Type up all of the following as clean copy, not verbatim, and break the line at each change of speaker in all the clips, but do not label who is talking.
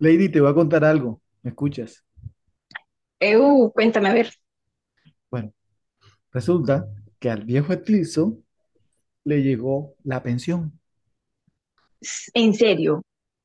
Lady, te voy a contar algo. ¿Me escuchas?
Eu, cuéntame, a ver,
Bueno, resulta que al viejo Etilso le llegó la pensión.
en serio,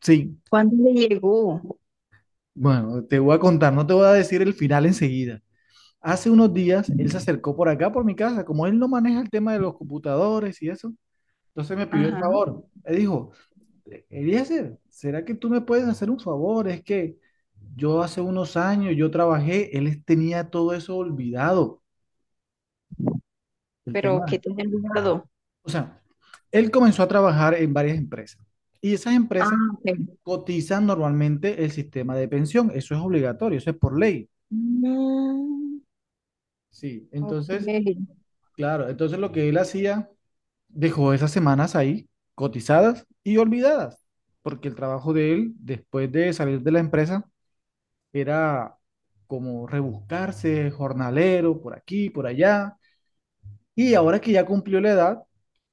Sí,
¿cuándo le llegó?
bueno, te voy a contar, no te voy a decir el final enseguida. Hace unos días él se acercó por acá, por mi casa, como él no maneja el tema de los computadores y eso. Entonces me pidió el
Ajá,
favor. Me dijo, Eliezer, ¿será que tú me puedes hacer un favor? Es que yo hace unos años yo trabajé, él tenía todo eso olvidado, el
pero ¿qué
tema.
te guardó?
O sea, él comenzó a trabajar en varias empresas y esas
Ah,
empresas
ok.
cotizan normalmente el sistema de pensión. Eso es obligatorio, eso es por ley.
Mm,
Sí, entonces,
ok.
claro, entonces lo que él hacía, dejó esas semanas ahí cotizadas y olvidadas, porque el trabajo de él después de salir de la empresa era como rebuscarse, jornalero, por aquí, por allá. Y ahora que ya cumplió la edad,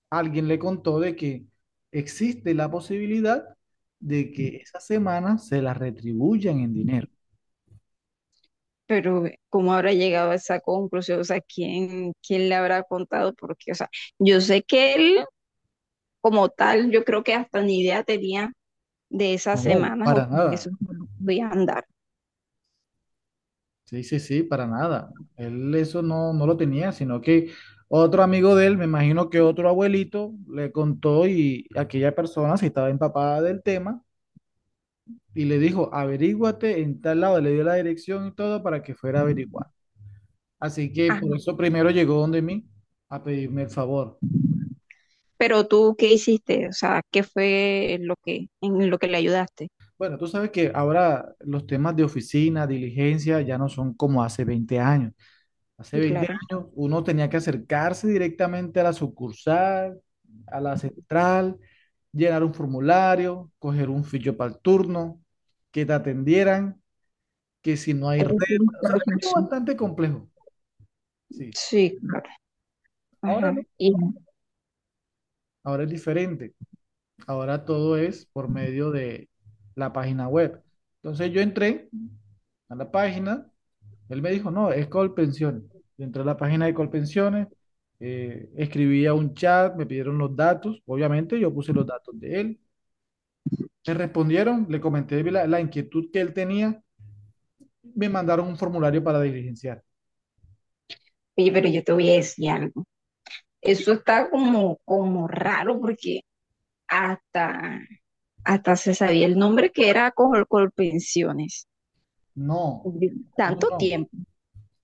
alguien le contó de que existe la posibilidad de que esa semana se la retribuyan en dinero.
Pero, ¿cómo habrá llegado a esa conclusión? O sea, ¿quién le habrá contado? Porque, o sea, yo sé que él, como tal, yo creo que hasta ni idea tenía de esas
No,
semanas
para
o de
nada.
esos voy a andar.
Sí, sí, sí, para nada. Él eso no, no lo tenía, sino que otro amigo de él, me imagino que otro abuelito, le contó y aquella persona se estaba empapada del tema y le dijo, averíguate en tal lado, le dio la dirección y todo para que fuera a averiguar. Así que por
Ajá.
eso primero llegó donde mí a pedirme el favor.
Pero tú, ¿qué hiciste? O sea, ¿qué fue lo que, en lo que le ayudaste?
Bueno, tú sabes que ahora los temas de oficina, diligencia, ya no son como hace 20 años. Hace
Sí,
20
claro.
años uno tenía que acercarse directamente a la sucursal, a la central, llenar un formulario, coger un ficho para el turno, que te atendieran, que si no hay
Es
red,
un
o sea, algo
proceso.
bastante complejo. Sí,
Sí, claro.
ahora
Ajá.
no,
Y,
ahora es diferente. Ahora todo es por medio de la página web. Entonces yo entré a la página. Él me dijo, no, es Colpensiones. Entré a la página de Colpensiones, escribí a un chat, me pidieron los datos, obviamente yo puse los datos de él. Me respondieron, le comenté la inquietud que él tenía, me mandaron un formulario para diligenciar.
oye, pero yo te voy a decir algo. Eso está como raro porque hasta, hasta se sabía el nombre que era Colpensiones.
No, no,
Tanto
no.
tiempo.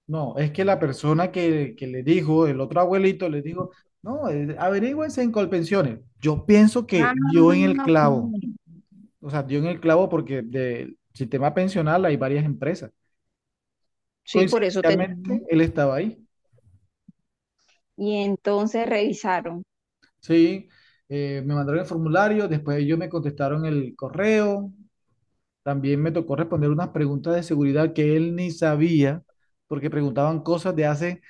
No, es que la persona que le dijo, el otro abuelito le dijo, no, averígüense en Colpensiones. Yo pienso
Ah,
que dio en el clavo,
ok.
o sea, dio en el clavo porque del sistema pensional hay varias empresas.
Sí, por eso te digo.
Coincidencialmente, él estaba ahí,
Y entonces revisaron.
sí, me mandaron el formulario, después ellos me contestaron el correo. También me tocó responder unas preguntas de seguridad que él ni sabía, porque preguntaban cosas de hace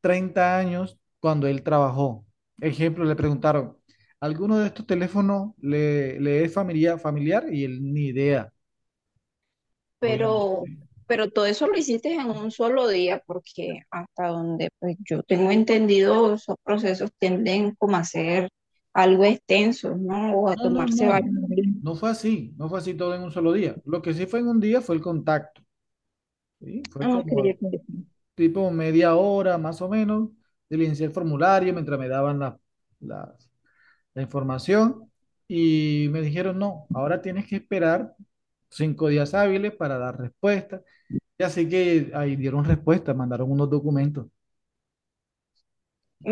30 años cuando él trabajó. Ejemplo, le preguntaron, ¿alguno de estos teléfonos le es familiar, familiar? Y él ni idea,
Pero,
obviamente.
pero todo eso lo hiciste en un solo día porque hasta donde pues, yo tengo entendido, esos procesos tienden como a ser algo extensos, ¿no? O a
No, no,
tomarse
no.
varios días.
No fue así, no fue así todo en un solo día. Lo que sí fue en un día fue el contacto, ¿sí? Fue
Ok, ok,
como
ok.
tipo media hora más o menos, diligencié el formulario mientras me daban la- las la información y me dijeron, no, ahora tienes que esperar 5 días hábiles para dar respuesta. Y así que ahí dieron respuesta, mandaron unos documentos,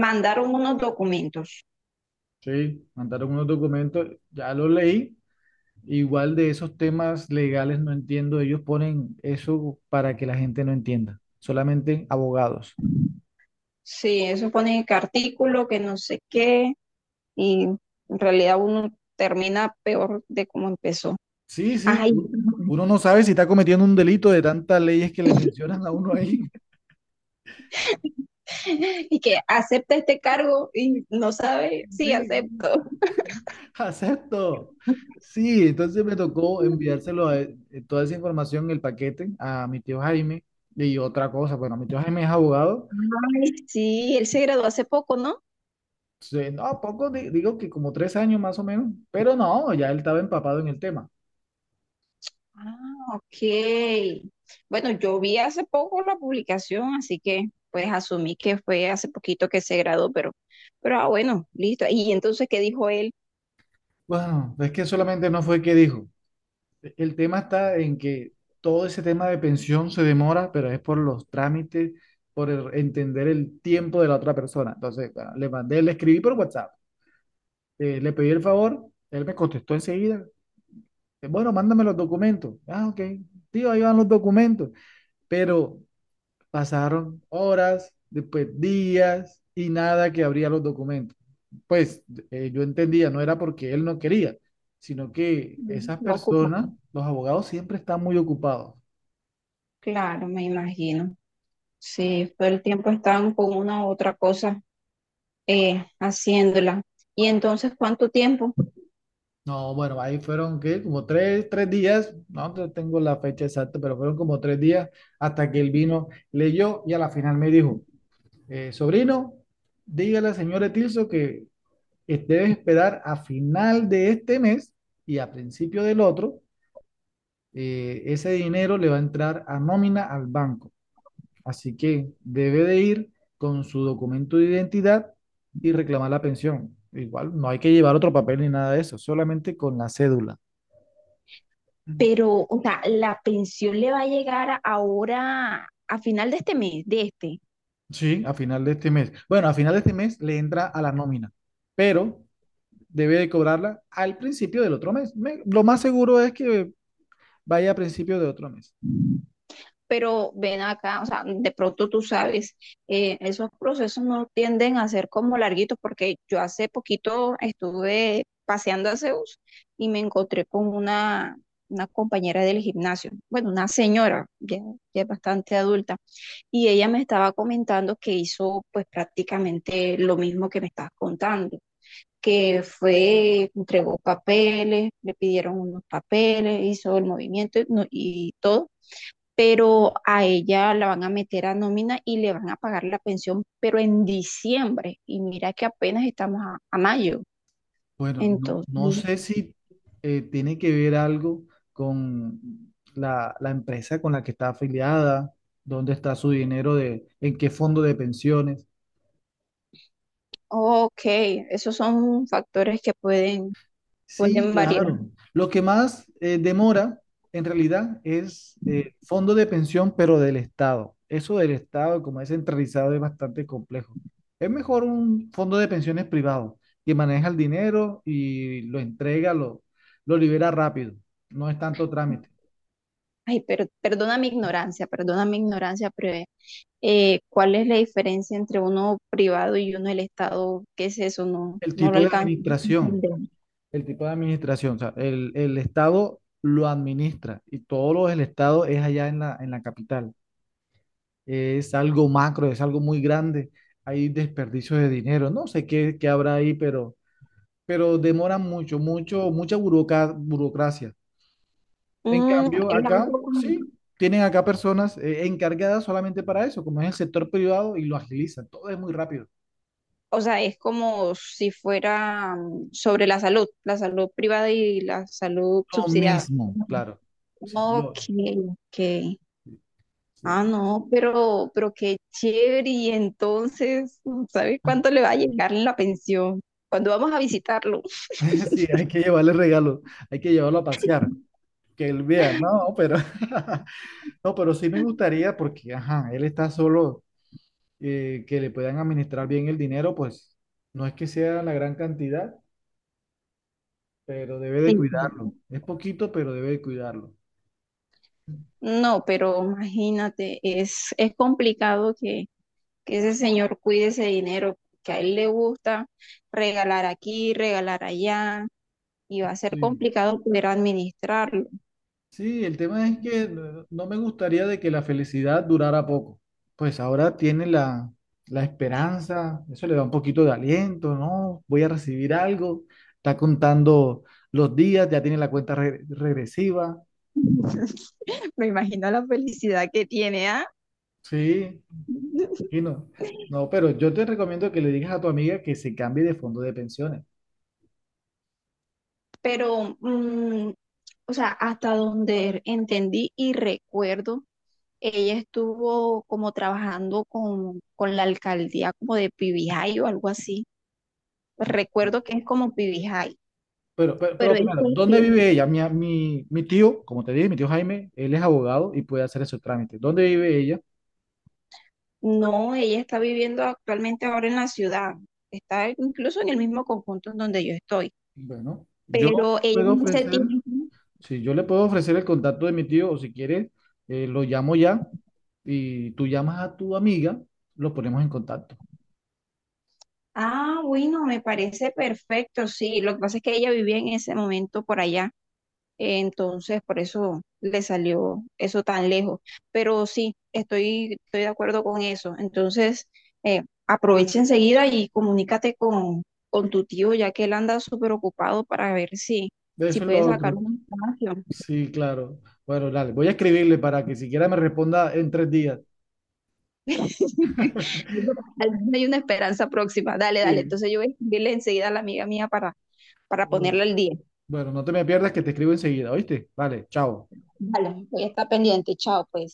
Mandaron unos documentos.
¿sí? Mandaron unos documentos, ya lo leí. Igual de esos temas legales no entiendo, ellos ponen eso para que la gente no entienda, solamente abogados.
Sí, eso pone que artículo, que no sé qué, y en realidad uno termina peor de cómo empezó.
Sí, sí,
Ay,
uno no sabe si está cometiendo un delito de tantas leyes que le mencionan a uno ahí.
y que acepta este cargo y no sabe, sí,
Sí,
acepto.
acepto. Sí, entonces me tocó enviárselo a, él, toda esa información, el paquete, a mi tío Jaime. Y otra cosa, bueno, mi tío Jaime es abogado.
Ay, sí, él se graduó hace poco, ¿no?
Entonces, no, poco, digo que como 3 años más o menos, pero no, ya él estaba empapado en el tema.
Ah, ok. Bueno, yo vi hace poco la publicación, así que pues asumí que fue hace poquito que se graduó, pero bueno, listo. ¿Y entonces qué dijo él?
Bueno, es que solamente no fue que dijo. El tema está en que todo ese tema de pensión se demora, pero es por los trámites, por entender el tiempo de la otra persona. Entonces, bueno, le mandé, le escribí por WhatsApp, le pedí el favor, él me contestó enseguida, pues, bueno, mándame los documentos. Ah, ok. Tío, ahí van los documentos. Pero pasaron horas, después días y nada que abría los documentos. Pues, yo entendía, no era porque él no quería, sino que esas personas,
Ocupado.
los abogados siempre están muy ocupados.
Claro, me imagino. Sí, todo el tiempo están con una u otra cosa haciéndola. Y entonces, ¿cuánto tiempo?
No, bueno, ahí fueron que como tres días, no tengo la fecha exacta, pero fueron como 3 días hasta que él vino, leyó y a la final me dijo, sobrino, dígale al señor Etilso que debes esperar a final de este mes y a principio del otro, ese dinero le va a entrar a nómina al banco. Así que debe de ir con su documento de identidad y reclamar la pensión. Igual no hay que llevar otro papel ni nada de eso, solamente con la cédula.
Pero, o sea, la pensión le va a llegar ahora a final de este mes, de este.
Sí, a final de este mes. Bueno, a final de este mes le entra a la nómina, pero debe de cobrarla al principio del otro mes. Lo más seguro es que vaya a principio de otro mes.
Pero ven acá, o sea, de pronto tú sabes, esos procesos no tienden a ser como larguitos, porque yo hace poquito estuve paseando a Zeus y me encontré con una compañera del gimnasio, bueno, una señora, ya, ya es bastante adulta, y ella me estaba comentando que hizo pues prácticamente lo mismo que me estás contando, que fue, entregó papeles, le pidieron unos papeles, hizo el movimiento y, y todo, pero a ella la van a meter a nómina y le van a pagar la pensión, pero en diciembre. Y mira que apenas estamos a mayo.
Bueno, no, no
Entonces,
sé si tiene que ver algo con la empresa con la que está afiliada, dónde está su dinero, en qué fondo de pensiones.
ok, esos son factores que pueden,
Sí,
pueden variar.
claro. Lo que más demora en realidad es fondo de pensión, pero del Estado. Eso del Estado, como es centralizado, es bastante complejo. Es mejor un fondo de pensiones privado que maneja el dinero y lo entrega, lo libera rápido. No es tanto trámite.
Ay, pero perdona mi ignorancia, pero ¿cuál es la diferencia entre uno privado y uno del Estado? ¿Qué es eso? No,
El
no lo
tipo de
alcanzo a
administración,
entender.
el tipo de administración, o sea, el Estado lo administra y todo lo del Estado es allá en en la capital. Es algo macro, es algo muy grande. Hay desperdicios de dinero, no sé qué, habrá ahí, pero demoran mucho, mucho, mucha buroca burocracia. En
Mm,
cambio,
es
acá
algo como...
sí, tienen acá personas encargadas solamente para eso, como es el sector privado y lo agilizan, todo es muy rápido.
O sea, es como si fuera mm, sobre la salud privada y la salud
Lo
subsidiada.
mismo, claro. Sí,
No, que, ah,
sí.
no, pero qué chévere. Y entonces, mm, ¿sabes cuánto le va a llegar en la pensión? Cuando vamos a visitarlo.
Sí, hay que llevarle regalo, hay que llevarlo a pasear, que él vea, no, pero, no, pero sí me gustaría porque, ajá, él está solo, que le puedan administrar bien el dinero, pues no es que sea la gran cantidad, pero debe
Sí.
de cuidarlo, es poquito, pero debe de cuidarlo.
No, pero imagínate, es complicado que ese señor cuide ese dinero, que a él le gusta regalar aquí, regalar allá, y va a ser
Sí.
complicado poder administrarlo.
Sí, el tema es que no me gustaría de que la felicidad durara poco. Pues ahora tiene la esperanza, eso le da un poquito de aliento, ¿no? Voy a recibir algo, está contando los días, ya tiene la cuenta regresiva,
Me imagino la felicidad que tiene, ¿ah?
sí, y no. No, pero yo te recomiendo que le digas a tu amiga que se cambie de fondo de pensiones.
Pero, mm, o sea, hasta donde entendí y recuerdo, ella estuvo como trabajando con la alcaldía como de Pibijay o algo así. Pues
¿No?
recuerdo que es como Pibijay,
Pero, pero,
pero
pero
es
primero, ¿dónde
cuestión.
vive ella? Mi tío, como te dije, mi tío Jaime, él es abogado y puede hacer ese trámite. ¿Dónde vive ella?
No, ella está viviendo actualmente ahora en la ciudad. Está incluso en el mismo conjunto en donde yo estoy.
Bueno, yo le
Pero ella
puedo
en ese
ofrecer,
tiempo...
si yo le puedo ofrecer el contacto de mi tío, o si quieres, lo llamo ya y tú llamas a tu amiga, lo ponemos en contacto.
Ah, bueno, me parece perfecto, sí. Lo que pasa es que ella vivía en ese momento por allá, entonces por eso le salió eso tan lejos. Pero sí, estoy de acuerdo con eso. Entonces, aprovecha enseguida y comunícate con tu tío, ya que él anda súper ocupado para ver si, si
Eso es lo
puede sacar
otro.
un espacio.
Sí, claro. Bueno, dale, voy a escribirle para que siquiera me responda en 3 días.
Al menos hay una esperanza próxima. Dale, dale.
Sí.
Entonces yo voy a escribirle enseguida a la amiga mía para ponerla al día.
Bueno, no te me pierdas que te escribo enseguida, ¿oíste? Vale, chao.
Vale, voy a estar pendiente. Chao, pues.